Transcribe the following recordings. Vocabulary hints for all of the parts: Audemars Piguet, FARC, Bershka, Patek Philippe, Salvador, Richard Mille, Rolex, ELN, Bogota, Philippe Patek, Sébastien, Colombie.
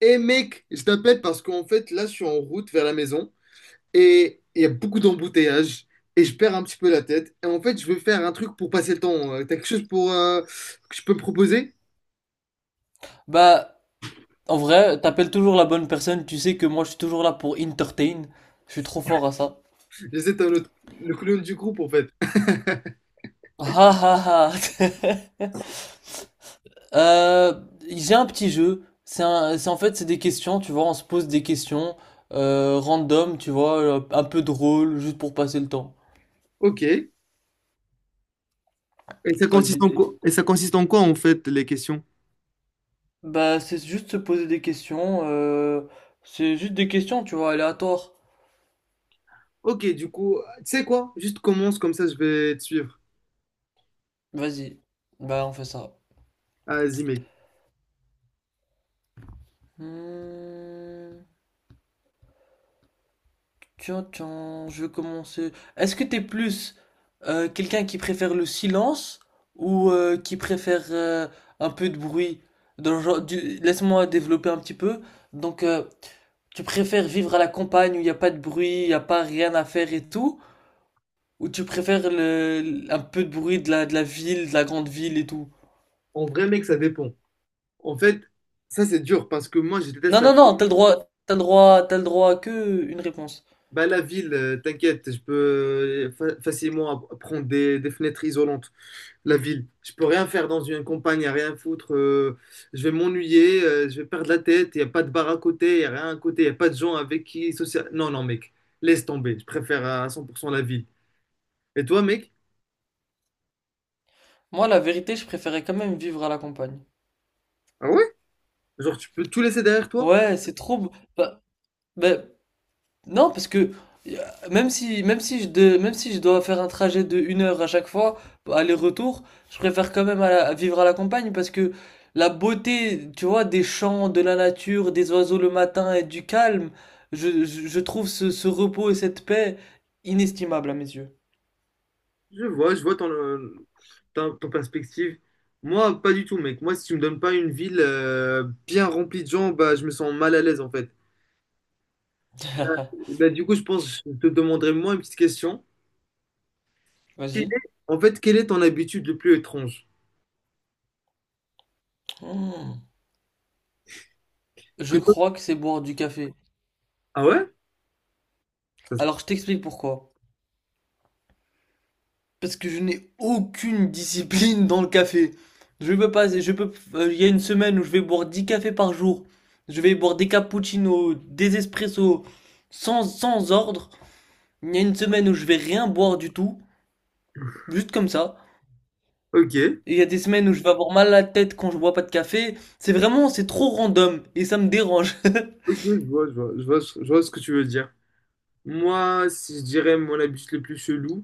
Eh mec, je t'appelle parce qu'en fait, là, je suis en route vers la maison et il y a beaucoup d'embouteillages et je perds un petit peu la tête. Et en fait, je veux faire un truc pour passer le temps. T'as quelque chose pour que je peux me proposer? Bah, en vrai, t'appelles toujours la bonne personne, tu sais que moi je suis toujours là pour entertain. Je suis trop fort à ça. J'essaie un autre, le clown du groupe, en fait. Ah ah ah. Euh, j'ai un petit jeu. C'est en fait, c'est des questions, tu vois, on se pose des questions random, tu vois, un peu drôle, juste pour passer le temps. Ok. Et ça consiste Vas-y. en quoi? Et ça consiste en quoi en fait les questions? Bah, c'est juste se poser des questions. C'est juste des questions, tu vois, aléatoires. Ok, du coup, tu sais quoi? Juste commence comme ça, je vais te suivre. Vas-y. Bah, on fait ça. Ah, vas-y, mec. Hmm. Tiens, tiens, je vais commencer. Est-ce que t'es plus quelqu'un qui préfère le silence ou qui préfère un peu de bruit? Dans le genre laisse-moi développer un petit peu. Donc, tu préfères vivre à la campagne où il n'y a pas de bruit, il n'y a pas rien à faire et tout, ou tu préfères un peu de bruit de la ville, de la grande ville et tout? En vrai, mec, ça dépend. En fait, ça, c'est dur parce que moi, je Non, déteste. non, non, t'as le droit, t'as le droit, t'as le droit à que une réponse. Bah, la ville, t'inquiète, je peux facilement prendre des fenêtres isolantes. La ville, je peux rien faire dans une campagne, à rien foutre. Je vais m'ennuyer, je vais perdre la tête. Il n'y a pas de bar à côté, il n'y a rien à côté, il n'y a pas de gens avec qui social. Non, non, mec, laisse tomber. Je préfère à 100% la ville. Et toi, mec? Moi, la vérité, je préférais quand même vivre à la campagne. Ah ouais? Genre, tu peux tout laisser derrière toi? Ouais, c'est trop beau. Bah, bah, Non, parce que euh, même si je dois faire un trajet de 1 heure à chaque fois, aller-retour, je préfère quand même vivre à la campagne parce que la beauté, tu vois, des champs, de la nature, des oiseaux le matin et du calme, je trouve ce repos et cette paix inestimables à mes yeux. Je vois ton perspective. Moi, pas du tout, mec. Moi, si tu me donnes pas une ville bien remplie de gens, bah, je me sens mal à l'aise en fait. Bah, bah, du coup, je pense que je te demanderai moi une petite question. Vas-y. En fait, quelle est ton habitude le plus étrange? Hmm. Je Que toi- crois que c'est boire du café. Ah ouais? Ça, c'est- Alors je t'explique pourquoi. Parce que je n'ai aucune discipline dans le café. Je peux pas, il y a une semaine où je vais boire 10 cafés par jour. Je vais boire des cappuccinos, des espressos, sans ordre. Il y a une semaine où je vais rien boire du tout, juste comme ça. ok, Et il y a des semaines où je vais avoir mal à la tête quand je bois pas de café. C'est trop random et ça me dérange. ok, je vois, je vois, je vois ce que tu veux dire. Moi, si je dirais mon habitude le plus chelou,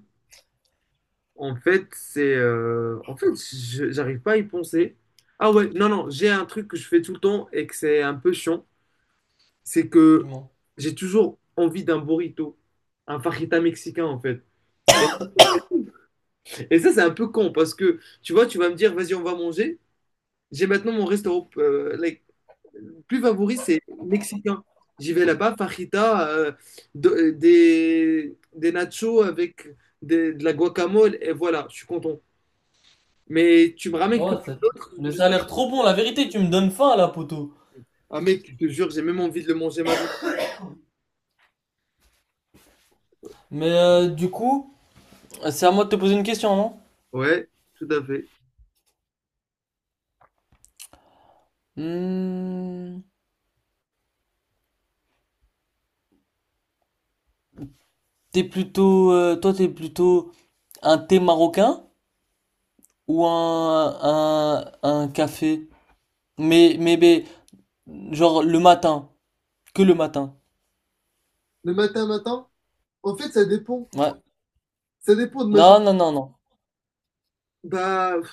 en fait, En fait, j'arrive pas à y penser. Ah ouais, non, non, j'ai un truc que je fais tout le temps et que c'est un peu chiant. C'est Du que moins. j'ai toujours envie d'un burrito, un fajita mexicain, en fait. Et ça, c'est un peu con parce que, tu vois, tu vas me dire, vas-y, on va manger. J'ai maintenant mon restaurant, like, plus favori, c'est mexicain. J'y vais là-bas, fajita, des nachos avec de la guacamole, et voilà, je suis content. Mais tu me ramènes Oh, quelque chose d'autre, mais je ça a l'air sais. trop bon. La vérité, tu me donnes faim là, poteau. Ah mec, je te jure, j'ai même envie de le manger maintenant. Mais du coup, c'est à moi de te poser une question, non? Ouais, tout à fait. Hmm. T'es plutôt un thé marocain ou un café? Mais, genre le matin, que le matin. Le matin, matin, en fait, ça dépend. Ouais. Ça dépend de ma journée. Non, non, non, non. Bah, pff,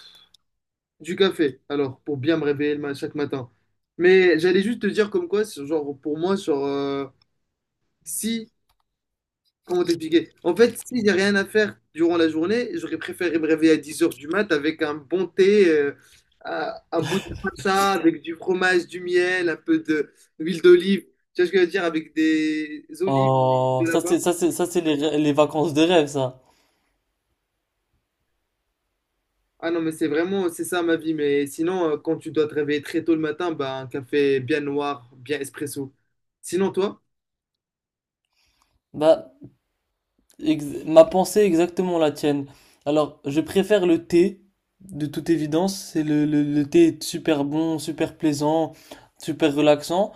du café, alors, pour bien me réveiller chaque matin. Mais j'allais juste te dire comme quoi, c'est genre, pour moi, sur si Comment t'expliquer? En fait, si j'ai rien à faire durant la journée, j'aurais préféré me réveiller à 10 heures du mat avec un bon thé, un bout de pizza avec du fromage, du miel, un peu d'huile d'olive. Tu vois ce que je veux dire? Avec des olives Oh, de ça là-bas. c'est, ça c'est, ça c'est les vacances de rêve, ça. Ah non, mais c'est vraiment, c'est ça ma vie. Mais sinon, quand tu dois te réveiller très tôt le matin, bah, un café bien noir, bien espresso. Sinon, toi? Bah, ma pensée est exactement la tienne. Alors, je préfère le thé, de toute évidence. C'est le thé est super bon, super plaisant, super relaxant.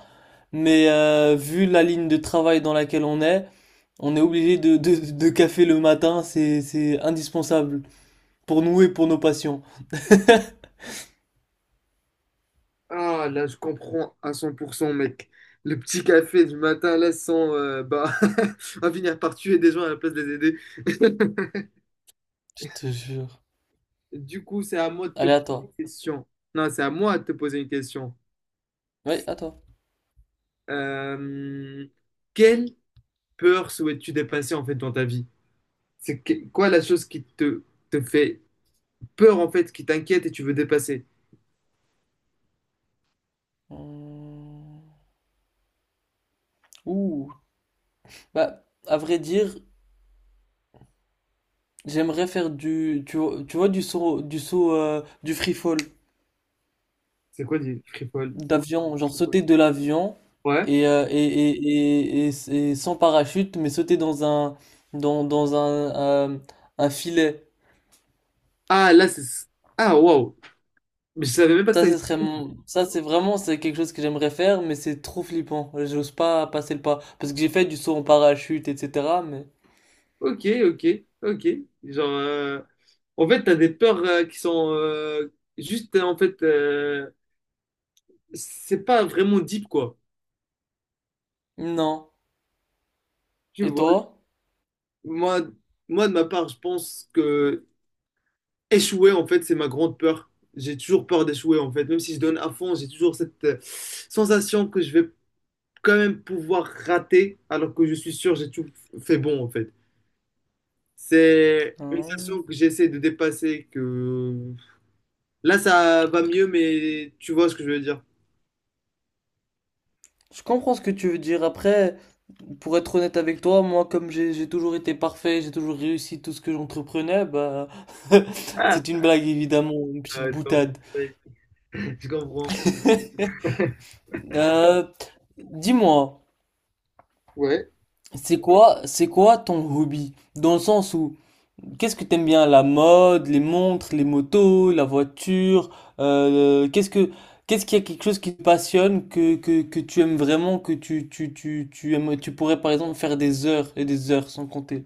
Mais vu la ligne de travail dans laquelle on est. On est obligé de café le matin, c'est indispensable pour nous et pour nos patients. Ah, là, je comprends à 100% mec. Le petit café du matin, là, sans, bah, on va finir par tuer des gens à la place de les aider. Je te jure. Du coup, c'est à moi de te Allez, poser à toi. une question. Non, c'est à moi de te poser une question. Oui, à toi. Euh, Quelle peur souhaites-tu dépasser, en fait, dans ta vie? C'est quoi la chose qui te fait peur, en fait, qui t'inquiète et tu veux dépasser? Hum. Ouh. Bah, à vrai dire, j'aimerais faire du, tu vois, du saut, du saut, du free fall C'est quoi, les frivoles? d'avion, genre sauter de l'avion Ouais. et sans parachute, mais sauter dans un filet. Ah, là, c'est. Ah, wow. Mais je savais même pas que Ça, ça. ce serait mon. Ça, c'est quelque chose que j'aimerais faire, mais c'est trop flippant. J'ose pas passer le pas. Parce que j'ai fait du saut en parachute, etc., mais. Ok, ok, ok. Genre, en fait, t'as des peurs qui sont juste, en fait, c'est pas vraiment deep, quoi. Non. Tu Et vois, toi? moi, moi, de ma part, je pense que échouer, en fait, c'est ma grande peur. J'ai toujours peur d'échouer, en fait. Même si je donne à fond, j'ai toujours cette sensation que je vais quand même pouvoir rater, alors que je suis sûr, j'ai tout fait bon, en fait. C'est une Hein. sensation que j'essaie de dépasser, que là, ça va mieux, mais tu vois ce que je veux dire. Je comprends ce que tu veux dire. Après, pour être honnête avec toi, moi, comme j'ai toujours été parfait, j'ai toujours réussi tout ce que j'entreprenais, bah. Ah, C'est une blague, évidemment, une petite je comprends, boutade. mec. Je comprends. Euh, Dis-moi. Ouais. C'est quoi ton hobby? Dans le sens où, qu'est-ce que t'aimes bien? La mode, les montres, les motos, la voiture, euh, qu'est-ce que, qu'est-ce qu'il y a quelque chose qui te passionne, que tu aimes vraiment, que tu aimes, tu pourrais par exemple faire des heures et des heures sans compter.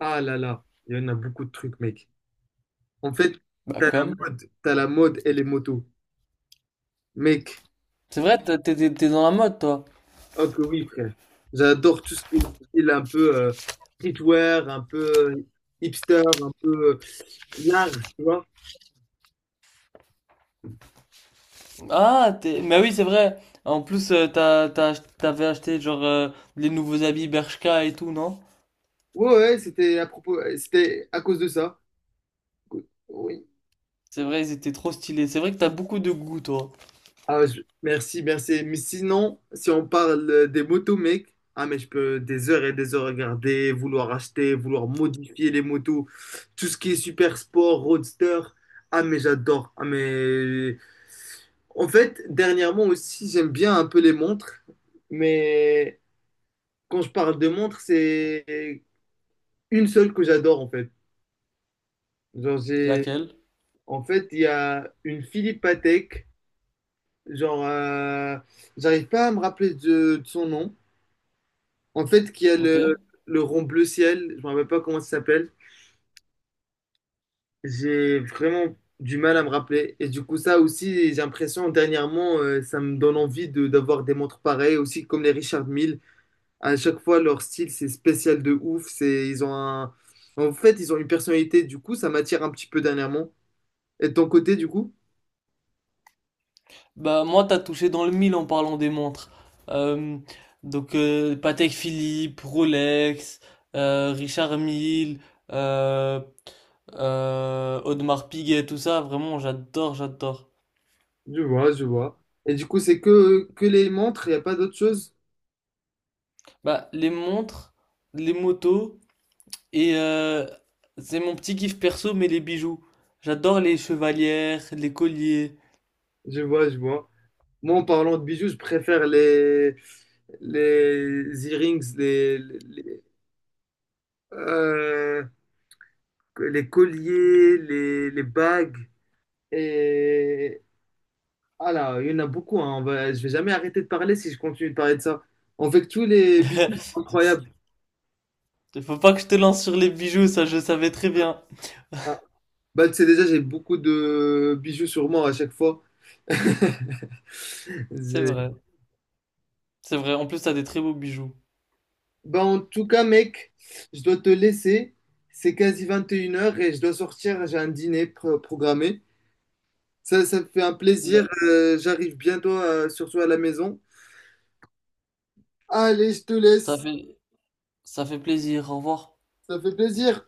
Ah là là, il y en a beaucoup de trucs, mec. En fait, Bah comme. T'as la mode et les motos. Mec, C'est vrai, t'es dans la mode, toi. oh que oui, frère. J'adore tout ce qui est style un peu streetwear, un peu euh, hipster, un peu large, tu vois. Ah, mais oui, c'est vrai. En plus, t'avais acheté genre les nouveaux habits Bershka et tout, non? Ouais, ouais, c'était à propos, c'était à cause de ça. Oui, C'est vrai, ils étaient trop stylés. C'est vrai que t'as beaucoup de goût, toi. ah, merci, merci. Mais sinon, si on parle des motos, mec, ah, mais je peux des heures et des heures regarder, vouloir acheter, vouloir modifier les motos, tout ce qui est super sport, roadster. Ah, mais j'adore. Ah, mais en fait, dernièrement aussi, j'aime bien un peu les montres. Mais quand je parle de montres, c'est une seule que j'adore en fait. Genre, j'ai Laquelle? en fait, il y a une Philippe Patek. Genre, j'arrive pas à me rappeler de son nom. En fait, qu'il y a Ok. le, rond bleu ciel, je me rappelle pas comment ça s'appelle. J'ai vraiment du mal à me rappeler. Et du coup, ça aussi, j'ai l'impression, dernièrement, ça me donne envie de d'avoir des montres pareilles, aussi comme les Richard Mille. À chaque fois, leur style, c'est spécial de ouf. C'est, ils ont un. En fait, ils ont une personnalité. Du coup, ça m'attire un petit peu dernièrement. Et de ton côté, du coup? Bah moi t'as touché dans le mille en parlant des montres. Euh, donc Patek Philippe, Rolex, Richard Mille, euh, Audemars Piguet, tout ça, vraiment j'adore, j'adore. Je vois, je vois. Et du coup, c'est que, les montres, il n'y a pas d'autre chose? Bah les montres, les motos et c'est mon petit kiff perso mais les bijoux. J'adore les chevalières, les colliers. Je vois, je vois. Moi, en parlant de bijoux, je préfère les earrings, euh, les colliers, les bagues. Et ah là, il y en a beaucoup. Hein. Je vais jamais arrêter de parler si je continue de parler de ça. En fait, tous les bijoux sont incroyables. Faut pas que je te lance sur les bijoux, ça je savais très bien. Ah. Bah, tu sais déjà, j'ai beaucoup de bijoux sur moi à chaque fois. C'est C'est- vrai, c'est vrai. En plus t'as des très beaux bijoux. bah, en tout cas, mec, je dois te laisser. C'est quasi 21 heures et je dois sortir. J'ai un dîner programmé. Ça me fait un plaisir. J'arrive bientôt, surtout à la maison. Allez, je te Ça laisse. fait, ça fait plaisir. Au revoir. Ça fait plaisir.